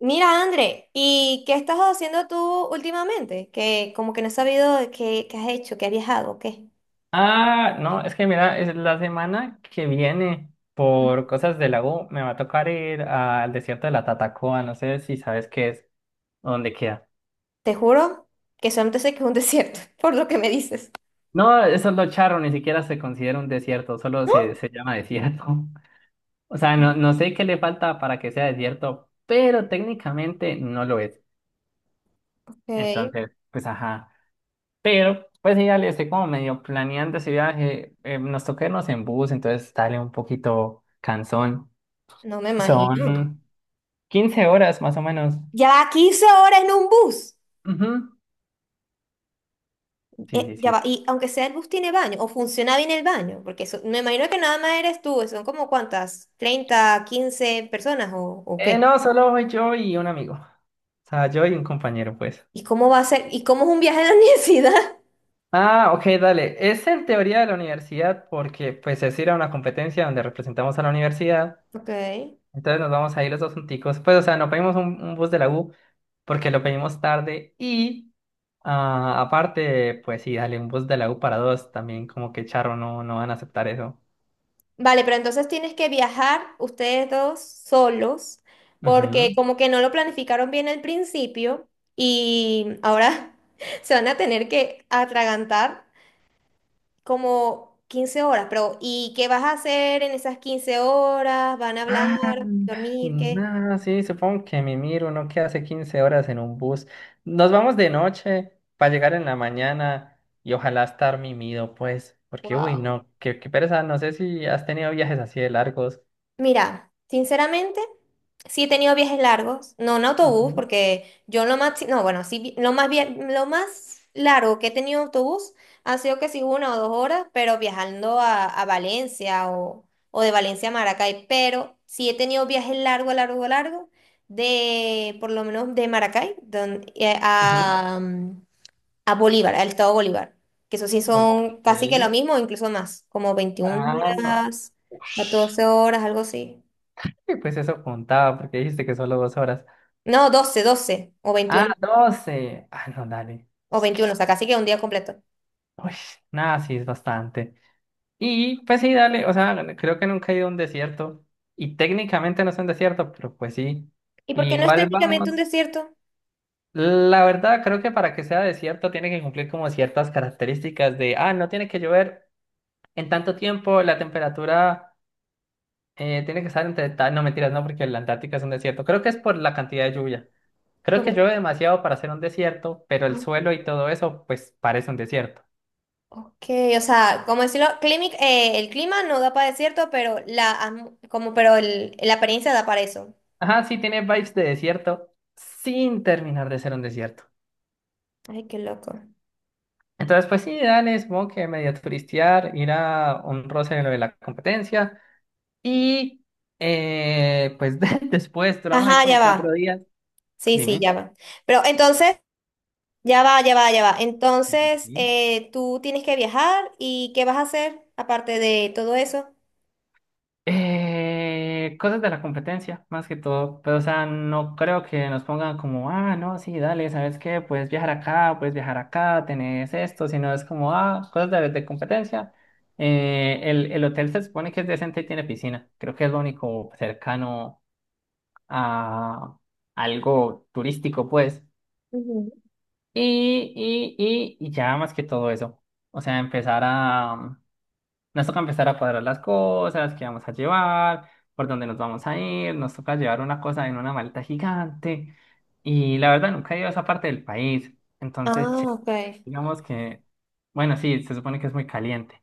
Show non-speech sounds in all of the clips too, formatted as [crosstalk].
Mira, André, ¿y qué estás haciendo tú últimamente? Que como que no he sabido qué has hecho, qué has viajado, o qué. Ah, no, es que mira, es la semana que viene, por cosas de la U, me va a tocar ir al desierto de la Tatacoa, no sé si sabes qué es, o dónde queda. Te juro que solamente sé que es un desierto, [laughs] por lo que me dices. No, eso es lo charro, ni siquiera se considera un desierto, solo ¿No? se llama desierto. [laughs] O sea, no, no sé qué le falta para que sea desierto, pero técnicamente no lo es. Ok, Entonces, pues ajá. Pero, pues sí, dale, estoy como medio planeando ese viaje. Nos toca irnos en bus, entonces dale un poquito cansón. no me Mm. imagino. Son 15 horas más o menos. Ya va 15 horas en un bus. Ujú. Sí, sí, Ya va, sí. y aunque sea el bus tiene baño, o funciona bien el baño, porque eso, me imagino que nada más eres tú, son como cuántas, 30, 15 personas o qué. No, solo voy yo y un amigo. O sea, yo y un compañero, pues. ¿Y cómo va a ser? ¿Y cómo es un viaje a la [laughs] universidad? Ah, ok, dale. Es en teoría de la universidad porque, pues, es ir a una competencia donde representamos a la universidad. Ok. Entonces nos vamos a ir los dos junticos. Pues, o sea, no pedimos un bus de la U porque lo pedimos tarde y, aparte, pues, sí, dale, un bus de la U para dos también, como que charro, no, no van a aceptar eso. Vale, pero entonces tienes que viajar ustedes dos solos, porque Ujú. como que no lo planificaron bien al principio y ahora [laughs] se van a tener que atragantar como 15 horas, pero ¿y qué vas a hacer en esas 15 horas? ¿Van a hablar, Ah, dormir, qué? no, sí, supongo que mi miro, uno que hace 15 horas en un bus. Nos vamos de noche para llegar en la mañana y ojalá estar mimido, pues, porque uy, Wow. no, qué pereza, no sé si has tenido viajes así de largos. Mira, sinceramente, sí he tenido viajes largos, no en autobús, Ujú, porque yo lo más, no, bueno, sí, lo más, lo más largo que he tenido en autobús ha sido que sí 1 o 2 horas, pero viajando a Valencia o de Valencia a Maracay, pero sí he tenido viajes largo, largo, largo, de, por lo menos de Maracay, ujú. a Bolívar, al estado Bolívar, que eso sí Ok. son casi que lo mismo, incluso más, como 21 Ah, no. horas, Ush. 14 horas, algo así. Y pues eso contaba, porque dijiste que solo 2 horas. No, doce o 21 Ah, doce, no, dale. o Es que, 21 o sea, casi que un día completo. uy, nada, sí es bastante. Y pues sí, dale, o sea, creo que nunca he ido a un desierto y técnicamente no es un desierto, pero pues sí. ¿Y por qué no es Igual técnicamente un vamos, desierto? la verdad creo que para que sea desierto tiene que cumplir como ciertas características de, no tiene que llover en tanto tiempo, la temperatura tiene que estar entre tal, no mentiras, no, porque la Antártica es un desierto. Creo que es por la cantidad de lluvia. Creo que Por- llueve demasiado para ser un desierto, pero el ah, suelo y todo eso pues parece un desierto. Ok, o sea, como decirlo, el clima no da para desierto, pero la, atm- como, pero el- la apariencia da para eso. Ajá, sí tiene vibes de desierto sin terminar de ser un desierto. Ay, qué loco. Entonces, pues sí, dale, supongo que medio turistear, ir a un roce de lo de la competencia. Y pues [laughs] después duramos ahí Ajá, ya como cuatro va. días. Sí, sí, Dime. ya va. Pero entonces. Ya va, ya va, ya va. Sí, Entonces, sí. Tú tienes que viajar y ¿qué vas a hacer aparte de todo eso? Cosas de la competencia, más que todo. Pero, o sea, no creo que nos pongan como, no, sí, dale, ¿sabes qué? Puedes viajar acá, tenés esto, sino es como, cosas de competencia. El hotel se supone que es decente y tiene piscina. Creo que es lo único cercano a algo turístico, pues. Ujú. Y, y, y ya más que todo eso. O sea, empezar a... Nos toca empezar a cuadrar las cosas, qué vamos a llevar, por dónde nos vamos a ir. Nos toca llevar una cosa en una maleta gigante. Y la verdad, nunca he ido a esa parte del país. Entonces, Ah, che, ok. digamos que... Bueno, sí, se supone que es muy caliente.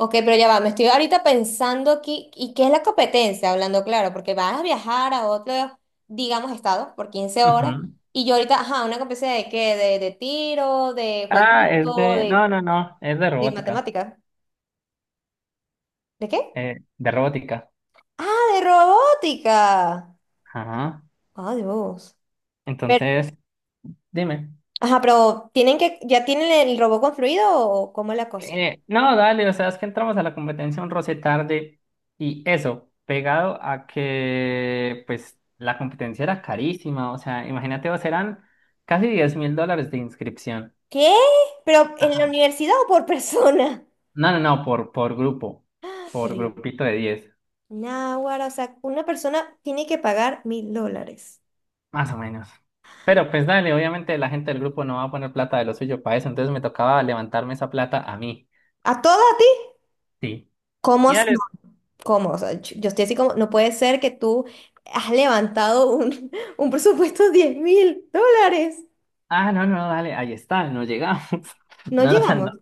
Ok, pero ya va, me estoy ahorita pensando aquí, ¿y qué es la competencia? Hablando claro, porque vas a viajar a otro, digamos, estado por 15 horas, Ujú. y yo ahorita, ajá, una competencia de qué, de tiro, de Ah, es jueguito, de... de, No, no, no, es de de robótica. matemática. ¿De qué? De robótica. Ah, de robótica. Ajá. Adiós. Entonces, dime. Ajá, pero ya tienen el robot construido o cómo es la cosa? No, dale, o sea, es que entramos a la competencia un roce tarde y eso, pegado a que pues la competencia era carísima, o sea, imagínate, vos eran casi $10.000 de inscripción. ¿Qué? ¿Pero en la Ajá. universidad o por [laughs] persona? No, no, no, por grupo, Pero por yo- grupito de 10, Náguara, o sea, una persona tiene que pagar $1,000. más o menos. Pero pues dale, obviamente la gente del grupo no va a poner plata de lo suyo para eso, entonces me tocaba levantarme esa plata a mí. ¿A toda a ti? Sí. ¿Cómo? Y As- no, dale, ¿Cómo? O sea, yo estoy así como, no puede ser que tú has levantado un, [laughs] un presupuesto de $10,000. No, no, dale, ahí está, no llegamos. [laughs] No No, no llegamos. no,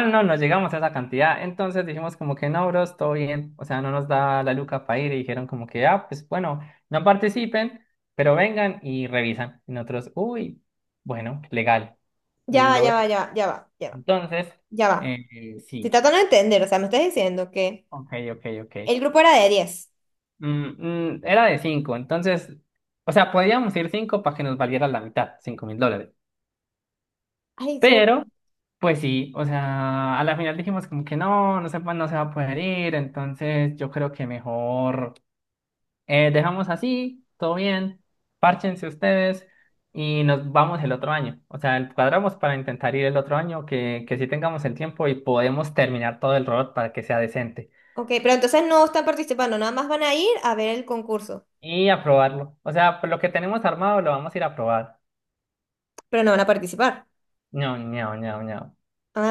no, no, no llegamos a esa cantidad. Entonces dijimos como que no, bros, todo bien. O sea, no nos da la luca para ir y dijeron como que, pues bueno, no participen, pero vengan y revisan. Y nosotros, uy, bueno, legal. Ya va, Lo ya veo. va, ya va, ya va, ya va, Entonces, ya va. Estoy sí, tratando de entender, o sea, me estás diciendo que ok, ok, ok. el grupo era de 10. Era de cinco, entonces, o sea, podíamos ir cinco para que nos valiera la mitad, $5.000. Ay, Dios. Pero, pues sí, o sea, a la final dijimos como que no, no se va a poder ir, entonces yo creo que mejor dejamos así, todo bien, párchense ustedes y nos vamos el otro año. O sea, cuadramos para intentar ir el otro año, que sí tengamos el tiempo y podemos terminar todo el robot para que sea decente Ok, pero entonces no están participando, nada más van a ir a ver el concurso, y aprobarlo. O sea, pues lo que tenemos armado lo vamos a ir a probar. pero no van a participar. No, no, no, no.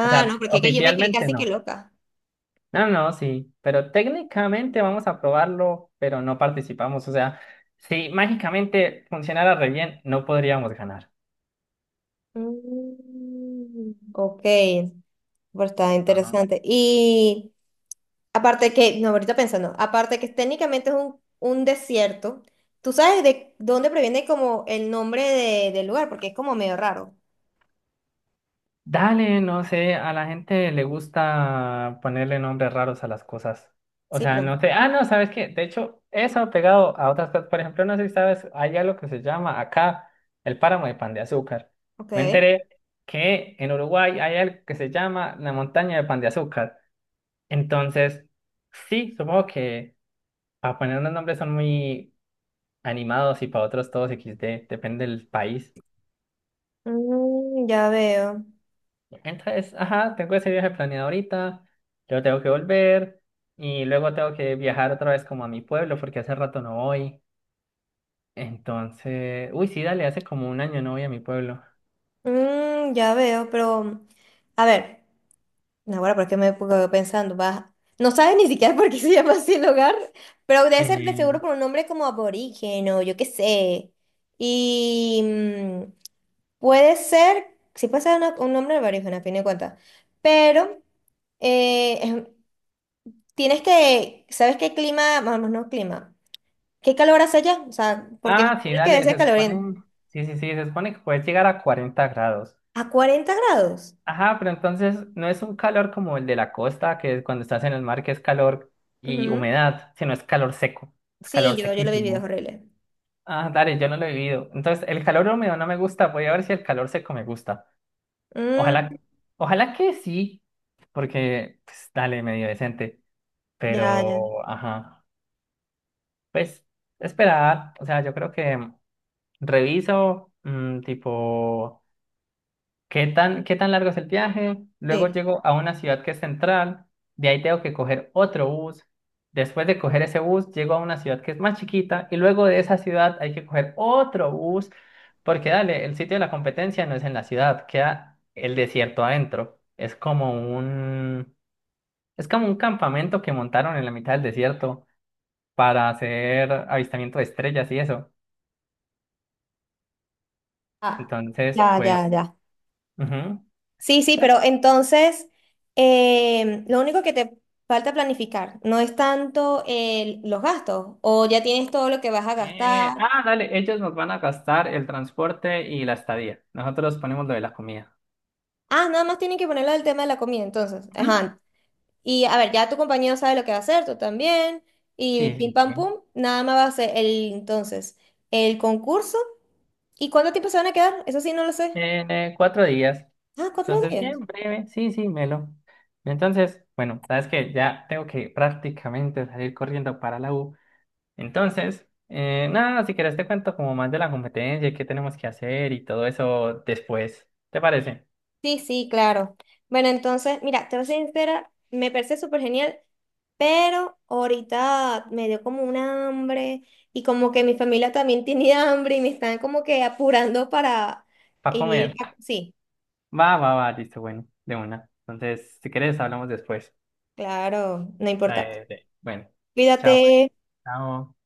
O sea, no, porque es que yo me quedé oficialmente casi que no. loca. No, no, sí, pero técnicamente vamos a probarlo, pero no participamos. O sea, si mágicamente funcionara re bien, no podríamos ganar. Mm, ok, pero está Ajá. interesante. Y aparte que, no, ahorita pensando, aparte que técnicamente es un desierto, ¿tú sabes de dónde proviene como el nombre del lugar? Porque es como medio raro. Dale, no sé, a la gente le gusta ponerle nombres raros a las cosas. O Sí, sea, pero, no sé. Ah, no, ¿sabes qué? De hecho, eso pegado a otras cosas. Por ejemplo, no sé si sabes, hay algo que se llama acá el páramo de pan de azúcar. Me ok. enteré que en Uruguay hay algo que se llama la montaña de pan de azúcar. Entonces, sí, supongo que. Para poner unos nombres son muy animados y para otros todos XD, depende del país. Mm, ya veo. Entonces, ajá, tengo ese viaje planeado ahorita, luego tengo que volver y luego tengo que viajar otra vez como a mi pueblo porque hace rato no voy. Entonces, uy, sí, dale, hace como un año no voy a mi pueblo. Mm, ya veo, pero, a ver. No, bueno, porque me quedo pensando, vas, no sabes ni siquiera por qué se llama así el lugar, pero debe ser de seguro Eh, por un nombre como aborigen o yo qué sé. Y mm, puede ser, sí puede ser un nombre aborigen a fin de cuentas, pero eh, em, ¿sabes qué clima? Vamos, no clima. ¿Qué calor hace allá? O sea, porque me sí, imagino que debe dale, ser se caloriento. supone, sí, sí, sí, se supone que puedes llegar a 40 grados. A 40 grados. Ajá, pero entonces no es un calor como el de la costa, que cuando estás en el mar, que es calor y Ujú. humedad, sino es calor seco, es Sí, calor yo lo he vivido, es sequísimo. horrible. Ah, dale, yo no lo he vivido. Entonces, el calor húmedo no me gusta, voy a ver si el calor seco me gusta. Mm, Ojalá, ojalá que sí, porque, pues, dale, medio decente, ya, ya. pero, ajá, pues, esperar, o sea, yo creo que reviso, tipo... ¿Qué tan largo es el viaje? Luego Sí. llego a una ciudad que es central, de ahí tengo que coger otro bus. Después de coger ese bus, llego a una ciudad que es más chiquita y luego de esa ciudad hay que coger otro bus, porque dale, el sitio de la competencia no es en la ciudad, queda el desierto adentro. Es como un campamento que montaron en la mitad del desierto para hacer avistamiento de estrellas y eso. Ah, Entonces, ya, ya, pues, ya. ujú. Sí, sí, pero entonces lo único que te falta planificar no es tanto los gastos o ya tienes todo lo que vas a gastar. Dale, ellos nos van a gastar el transporte y la estadía. Nosotros ponemos lo de la comida. Ah, nada más tienen que ponerlo del tema de la comida, entonces. Ujú. Ajá. Y a ver, ya tu compañero sabe lo que va a hacer, tú también. Y Sí, pim sí, pam sí. pum, nada más va a ser el entonces el concurso. ¿Y cuánto tiempo se van a quedar? Eso sí, no lo sé. En 4 días. Ah, cuatro Entonces, bien días. breve. Sí, sí, Melo. Entonces, bueno, sabes que ya tengo que prácticamente salir corriendo para la U. Entonces, nada, si quieres te cuento como más de la competencia y qué tenemos que hacer y todo eso después. ¿Te parece? Sí, sí, claro. Bueno, entonces, mira, te voy a ser sincera, me parece súper genial. Pero ahorita me dio como un hambre y como que mi familia también [laughs] tiene hambre y me están como que apurando para Para ir comer. a. Sí, Va, va, va, listo, bueno, de una. Entonces, si quieres hablamos después. claro, no importa. Bueno, Cuídate. chao. Chao.